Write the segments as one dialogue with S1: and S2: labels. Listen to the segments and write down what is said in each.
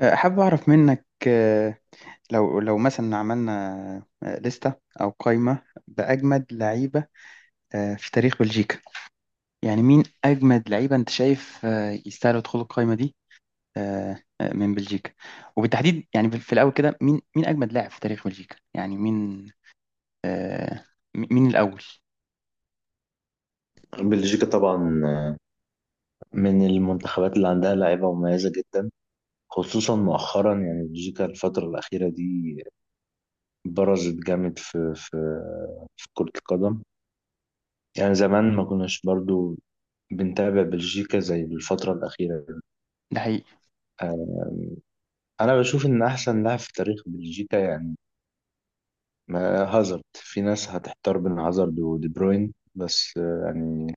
S1: حابب أعرف منك آه، لو لو مثلا عملنا لستة أو قائمة بأجمد لعيبة في تاريخ بلجيكا، يعني مين أجمد لعيبة أنت شايف يستاهلوا يدخلوا القائمة دي من بلجيكا، وبالتحديد يعني في الأول كده مين أجمد لاعب في تاريخ بلجيكا؟ يعني مين؟ آه، مين الأول؟
S2: بلجيكا طبعا من المنتخبات اللي عندها لعيبة مميزة جدا، خصوصا مؤخرا يعني بلجيكا الفترة الأخيرة دي برزت جامد في كرة القدم. يعني زمان ما كناش برضو بنتابع بلجيكا زي الفترة الأخيرة دي.
S1: ده حقيقي.
S2: آه، أنا بشوف إن أحسن لاعب في تاريخ بلجيكا يعني هازارد، في ناس هتحتار بين هازارد ودي بروين، بس يعني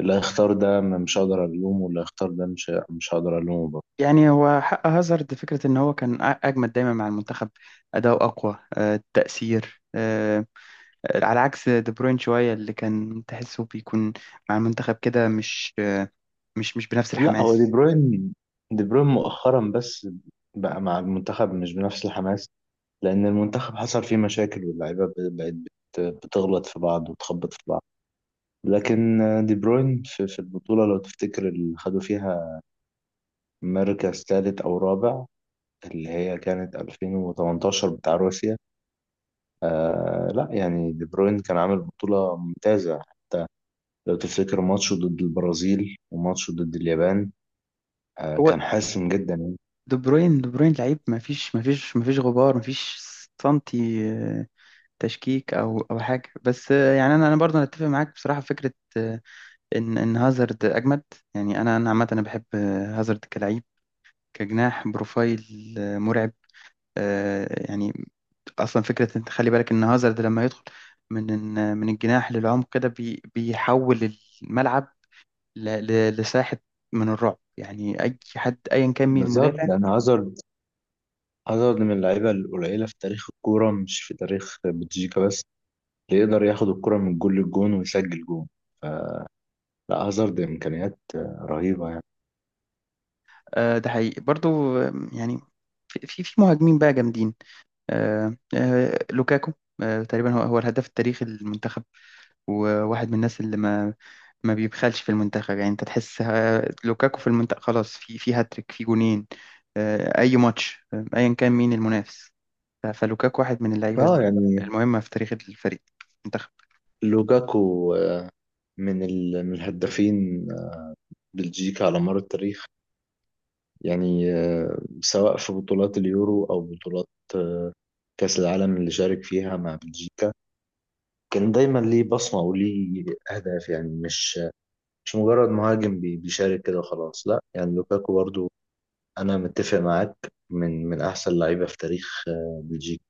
S2: اللي هيختار ده مش هقدر ألومه، واللي هيختار ده مش هقدر ألومه.
S1: يعني هو حق هازارد فكرة إن هو كان أجمد دايما مع المنتخب، أداؤه أقوى التأثير، على عكس دي بروين شوية، اللي كان تحسه بيكون مع المنتخب كده مش بنفس
S2: لا، هو دي
S1: الحماس.
S2: بروين، دي بروين مؤخرا بس بقى مع المنتخب مش بنفس الحماس، لأن المنتخب حصل فيه مشاكل واللعيبة بقت بتغلط في بعض وتخبط في بعض. لكن دي بروين في البطولة، لو تفتكر اللي خدوا فيها مركز ثالث أو رابع، اللي هي كانت 2018 بتاع روسيا، لا يعني دي بروين كان عامل بطولة ممتازة، لو تفتكر ماتشه ضد البرازيل وماتشه ضد اليابان،
S1: هو
S2: كان حاسم جدا يعني.
S1: دي بروين لعيب، ما فيش غبار، ما فيش سنتي تشكيك او حاجه، بس يعني انا برضه أنا اتفق معاك بصراحه في فكره آه، ان هازارد اجمد. يعني انا عامه انا بحب هازارد كلعيب كجناح، بروفايل مرعب. يعني اصلا فكره انت خلي بالك ان هازارد لما يدخل من من الجناح للعمق كده بيحول الملعب لساحه من الرعب، يعني اي حد ايا كان مين
S2: بالظبط،
S1: المدافع.
S2: لأن هازارد عدد من اللعيبة القليلة في تاريخ الكورة، مش في تاريخ بلجيكا بس، اللي يقدر ياخد الكرة من جول للجون ويسجل جون. لا، هازارد إمكانيات رهيبة يعني.
S1: ده حقيقي برضو. يعني في مهاجمين بقى جامدين، لوكاكو تقريبا هو الهداف التاريخي للمنتخب، وواحد من الناس اللي ما بيبخلش في المنتخب. يعني انت تحس لوكاكو في المنتخب خلاص، في في هاتريك، في جونين، اي ماتش ايا كان مين المنافس. فلوكاكو واحد من اللعيبة
S2: اه يعني
S1: المهمة في تاريخ الفريق، المنتخب.
S2: لوكاكو من الهدافين بلجيكا على مر التاريخ، يعني سواء في بطولات اليورو أو بطولات آه، كأس العالم اللي شارك فيها مع بلجيكا، كان دايما ليه بصمة وليه أهداف، يعني مش مجرد مهاجم بيشارك كده وخلاص. لا، يعني لوكاكو برضو انا متفق معاك، من احسن لعيبه في تاريخ بلجيكا.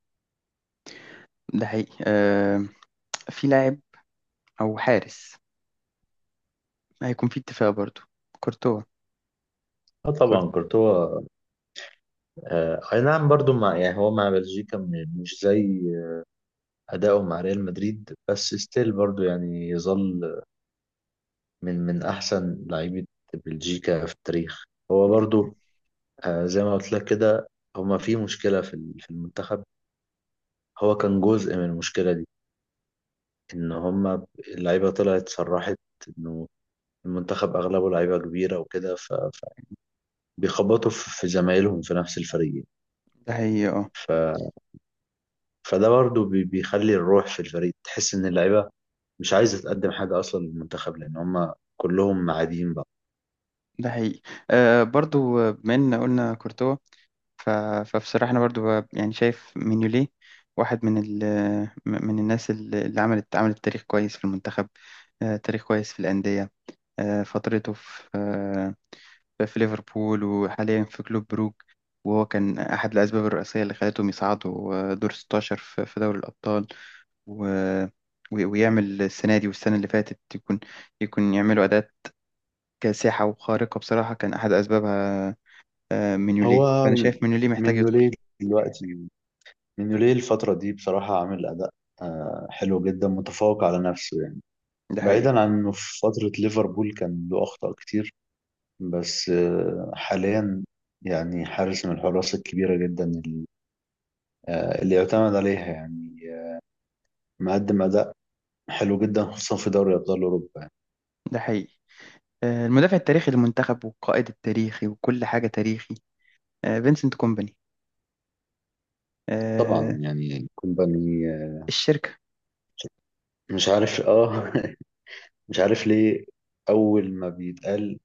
S1: ده حقيقي. في لاعب أو حارس هيكون في اتفاق برضو، كورتوا.
S2: اه
S1: كور-
S2: طبعا كورتوا، اي نعم برضو، مع يعني هو مع بلجيكا مش زي اداؤه مع ريال مدريد، بس ستيل برضو يعني يظل من احسن لعيبه بلجيكا في التاريخ. هو برضو زي ما قلت لك كده، هما في مشكله في المنتخب، هو كان جزء من المشكله دي، ان هما اللعيبه طلعت صرحت انه المنتخب اغلبه لعيبه كبيره وكده، بيخبطوا في زمايلهم في نفس الفريق.
S1: ده حقيقي. اه،
S2: ف... فده برضه بيخلي الروح في الفريق تحس ان اللعيبه مش عايزه تقدم حاجه اصلا للمنتخب، لان هم كلهم قاعدين بقى.
S1: ده حقيقي. آه برضو آه، بما ان قلنا كورتوا، ف... فبصراحة انا برضو يعني شايف مينيولي واحد من من الناس اللي عملت تاريخ كويس في المنتخب، آه تاريخ كويس في الأندية، آه فترته في في ليفربول وحاليا في كلوب بروك. وهو كان أحد الأسباب الرئيسية اللي خلتهم يصعدوا دور 16 في في دوري الأبطال، و... ويعمل السنة دي والسنة اللي فاتت، يكون يعملوا أداءات كاسحة وخارقة. بصراحة كان أحد أسبابها مينيولي،
S2: هو
S1: فأنا شايف مينيولي محتاج يدخل.
S2: مينيولي دلوقتي، مينيولي الفتره دي بصراحه عامل اداء حلو جدا، متفوق على نفسه يعني.
S1: ده حقيقي.
S2: بعيدا عن انه في فتره ليفربول كان له اخطاء كتير، بس حاليا يعني حارس من الحراس الكبيره جدا اللي اللي يعتمد عليها، يعني مقدم اداء حلو جدا، خصوصا في دوري ابطال اوروبا يعني.
S1: ده حقيقي. المدافع التاريخي للمنتخب والقائد التاريخي وكل حاجة تاريخي فينسنت كومباني آه،
S2: طبعا يعني كومباني،
S1: الشركة
S2: مش عارف مش عارف ليه اول ما بيتقال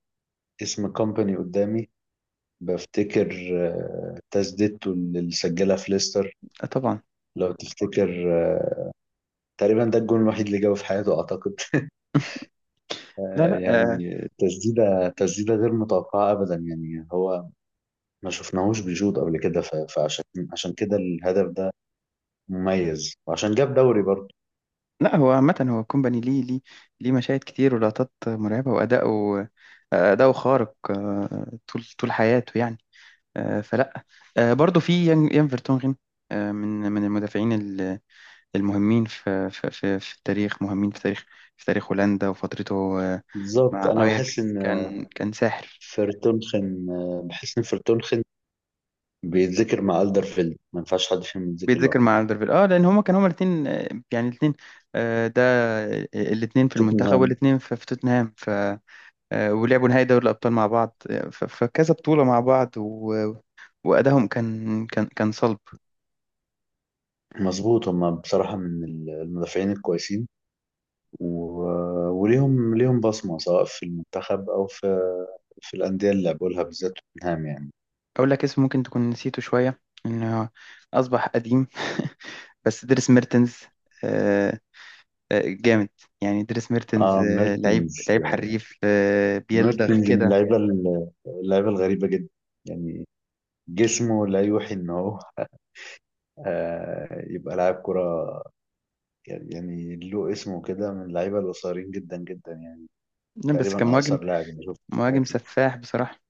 S2: اسم كومباني قدامي بفتكر تسديدته اللي سجلها في ليستر.
S1: طبعا.
S2: لو تفتكر، آه، تقريبا ده الجون الوحيد اللي جابه في حياته اعتقد.
S1: لا لا
S2: يعني تسديده غير متوقعه ابدا، يعني هو ما شفناهوش بيشوط قبل كده، ف- فعشان عشان كده الهدف ده مميز، وعشان جاب دوري برضه.
S1: لا هو عامة، هو كومباني ليه مشاهد كتير ولقطات مرعبة، وأداؤه خارق طول حياته يعني. آه، فلا آه، برضو في يان فيرتونغن من المدافعين المهمين في التاريخ، مهمين في تاريخ، في تاريخ هولندا. وفترته
S2: بالظبط،
S1: مع
S2: انا
S1: اياكس كان كان ساحر.
S2: بحس ان فرتونخن بيتذكر مع الدرفيلد، ما ينفعش حد فيهم يتذكر لوحده.
S1: بيتذكر مع الدربيل، اه لان هما كانوا هما الاثنين، يعني الاثنين ده، الاثنين في المنتخب
S2: توتنهام.
S1: والاثنين في في توتنهام ولعبوا نهائي دوري الأبطال مع بعض فكذا بطولة مع بعض، وأدائهم كان كان صلب.
S2: مظبوط، هما بصراحة من المدافعين الكويسين، و... وليهم بصمة سواء في المنتخب أو في الأندية اللي لعبوا لها، بالذات توتنهام يعني.
S1: أقول لك اسم ممكن تكون نسيته شوية، إنه أصبح قديم بس دريس ميرتنز آه، جامد. يعني دريس ميرتنز
S2: اه
S1: لعيب
S2: ميرتنز
S1: لعيب حريف بيلدغ
S2: ميرتنز من
S1: كده.
S2: اللعيبة اللعيبة الغريبة جدا، يعني جسمه لا يوحي إن هو يبقى لاعب كرة، يعني له اسمه كده، من اللعيبة القصيرين جدا جدا يعني،
S1: لا، بس كان
S2: تقريبا
S1: مهاجم،
S2: اقصر لاعب انا شفته في
S1: مهاجم
S2: حياتي،
S1: سفاح بصراحة،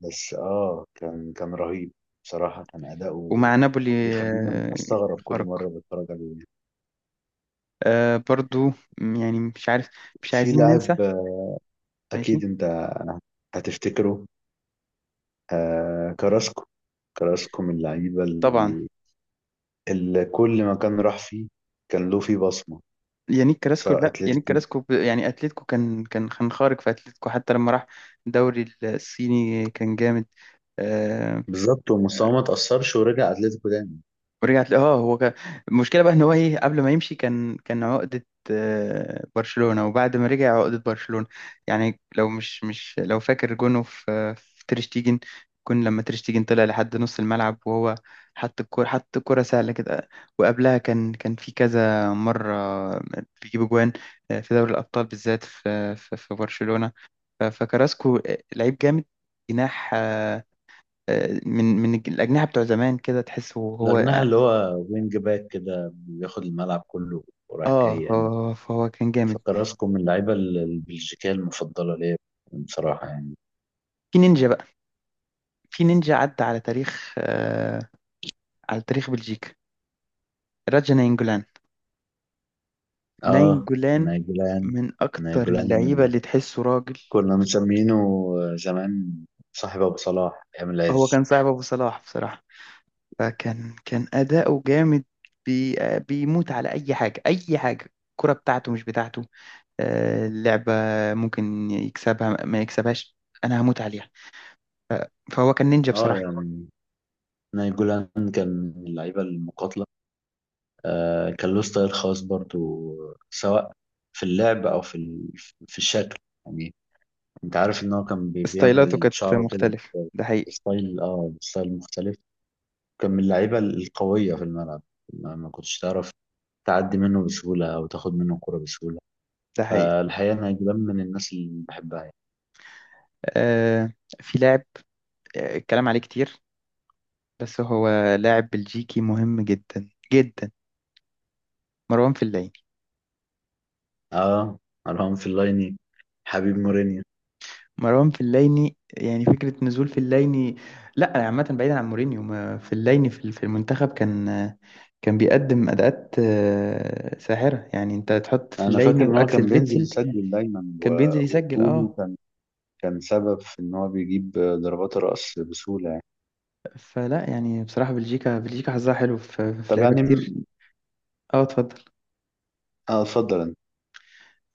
S2: بس كان رهيب بصراحه، كان اداؤه
S1: ومع نابولي
S2: بيخليني
S1: آه،
S2: استغرب كل مره
S1: خرق.
S2: بتفرج عليه.
S1: آه، برضو يعني مش عارف، مش
S2: في
S1: عايزين ننسى.
S2: لاعب
S1: ماشي.
S2: اكيد انت هتفتكره، آه كراسكو كراسكو من اللعيبه
S1: طبعا.
S2: اللي كل ما كان راح فيه كان له فيه بصمه،
S1: يانيك كراسكو،
S2: سواء
S1: لا يانيك
S2: اتلتيكو،
S1: كراسكو يعني اتلتيكو، كان خارق في اتلتيكو، حتى لما راح الدوري الصيني كان جامد آه،
S2: بالظبط ومستواه ما تاثرش ورجع اتلتيكو تاني.
S1: ورجعت. اه هو كان، المشكله بقى ان هو ايه، قبل ما يمشي كان عقده برشلونه، وبعد ما رجع عقده برشلونه. يعني لو مش مش لو فاكر جونه في في تريشتيجن، كون لما تريشتيجن طلع لحد نص الملعب وهو حط الكوره، سهله كده. وقبلها كان في كذا مره بيجيب جوان في دوري الابطال بالذات في في, في برشلونه. فكراسكو لعيب جامد، جناح من الأجنحة بتوع زمان كده تحسه هو.
S2: الاجنحه اللي هو وينج باك كده بياخد الملعب كله ورايح جاي
S1: اه
S2: يعني.
S1: هو، كان جامد.
S2: فكراسكو من اللعيبة البلجيكية المفضلة ليا بصراحة يعني.
S1: في نينجا بقى، في نينجا عدى على تاريخ على تاريخ بلجيكا، راجا ناينجولان،
S2: اه
S1: ناينجولان،
S2: نايجولان
S1: من اكتر
S2: نايجولان
S1: اللعيبه اللي تحسه راجل.
S2: كنا مسمينه زمان صاحب أبو صلاح أيام
S1: هو
S2: العز.
S1: كان صاحب ابو صلاح بصراحه، كان اداؤه جامد، بي آه، بيموت على اي حاجه، اي حاجه الكره بتاعته مش بتاعته، آه اللعبه ممكن يكسبها ما يكسبهاش، انا هموت عليها. فهو كان نينجا
S2: اه
S1: بصراحه.
S2: يعني نايجولان كان من اللعيبة المقاتلة، كان له ستايل خاص برضو، سواء في اللعب أو في الشكل، يعني أنت عارف إن هو كان
S1: ستايلاته
S2: بيعمل
S1: كانت
S2: شعره كده
S1: مختلفه، ده حقيقي.
S2: بستايل مختلف. كان من اللعيبة القوية في الملعب، ما كنتش تعرف تعدي منه بسهولة أو تاخد منه الكرة بسهولة.
S1: ده حقيقي.
S2: فالحقيقة أنا جبان من الناس اللي بحبها يعني.
S1: آه في لاعب الكلام عليه كتير، بس هو لاعب بلجيكي مهم جدا جدا، مروان فليني.
S2: آه أرقام في اللايني، حبيب مورينيو.
S1: مروان فليني، يعني فكرة نزول فليني، لا عامة بعيدا عن مورينيو، فليني في في المنتخب كان كان بيقدم أداءات ساحرة. يعني انت تحط
S2: أنا فاكر
S1: فليني
S2: إن هو
S1: وأكسل
S2: كان بينزل
S1: فيتسل.
S2: يسجل دايما،
S1: كان بينزل يسجل،
S2: وطوله
S1: اه.
S2: كان سبب في إن هو بيجيب ضربات الرأس بسهولة يعني.
S1: يعني بصراحة بلجيكا، بلجيكا حظها حلو في في
S2: طب
S1: لعيبة
S2: يعني
S1: كتير. اه، اتفضل.
S2: اتفضل أنت.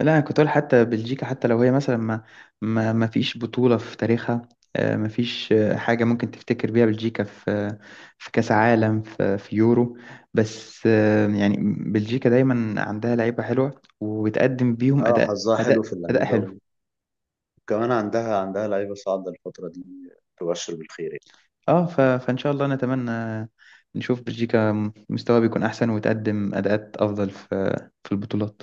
S1: لا أنا كنت أقول، حتى بلجيكا حتى لو هي مثلا ما ما ما فيش بطولة في تاريخها، ما فيش حاجة ممكن تفتكر بيها بلجيكا في في كأس عالم، في, في يورو، بس يعني بلجيكا دايما عندها لعيبة حلوة وبتقدم بيهم أداء
S2: حظها حلو في
S1: أداء أداء
S2: اللعيبة،
S1: حلو.
S2: وكمان عندها لعيبة صاعدة الفترة دي تبشر بالخير يعني.
S1: اه فإن شاء الله نتمنى نشوف بلجيكا مستواها بيكون أحسن وتقدم أداءات أفضل في في البطولات.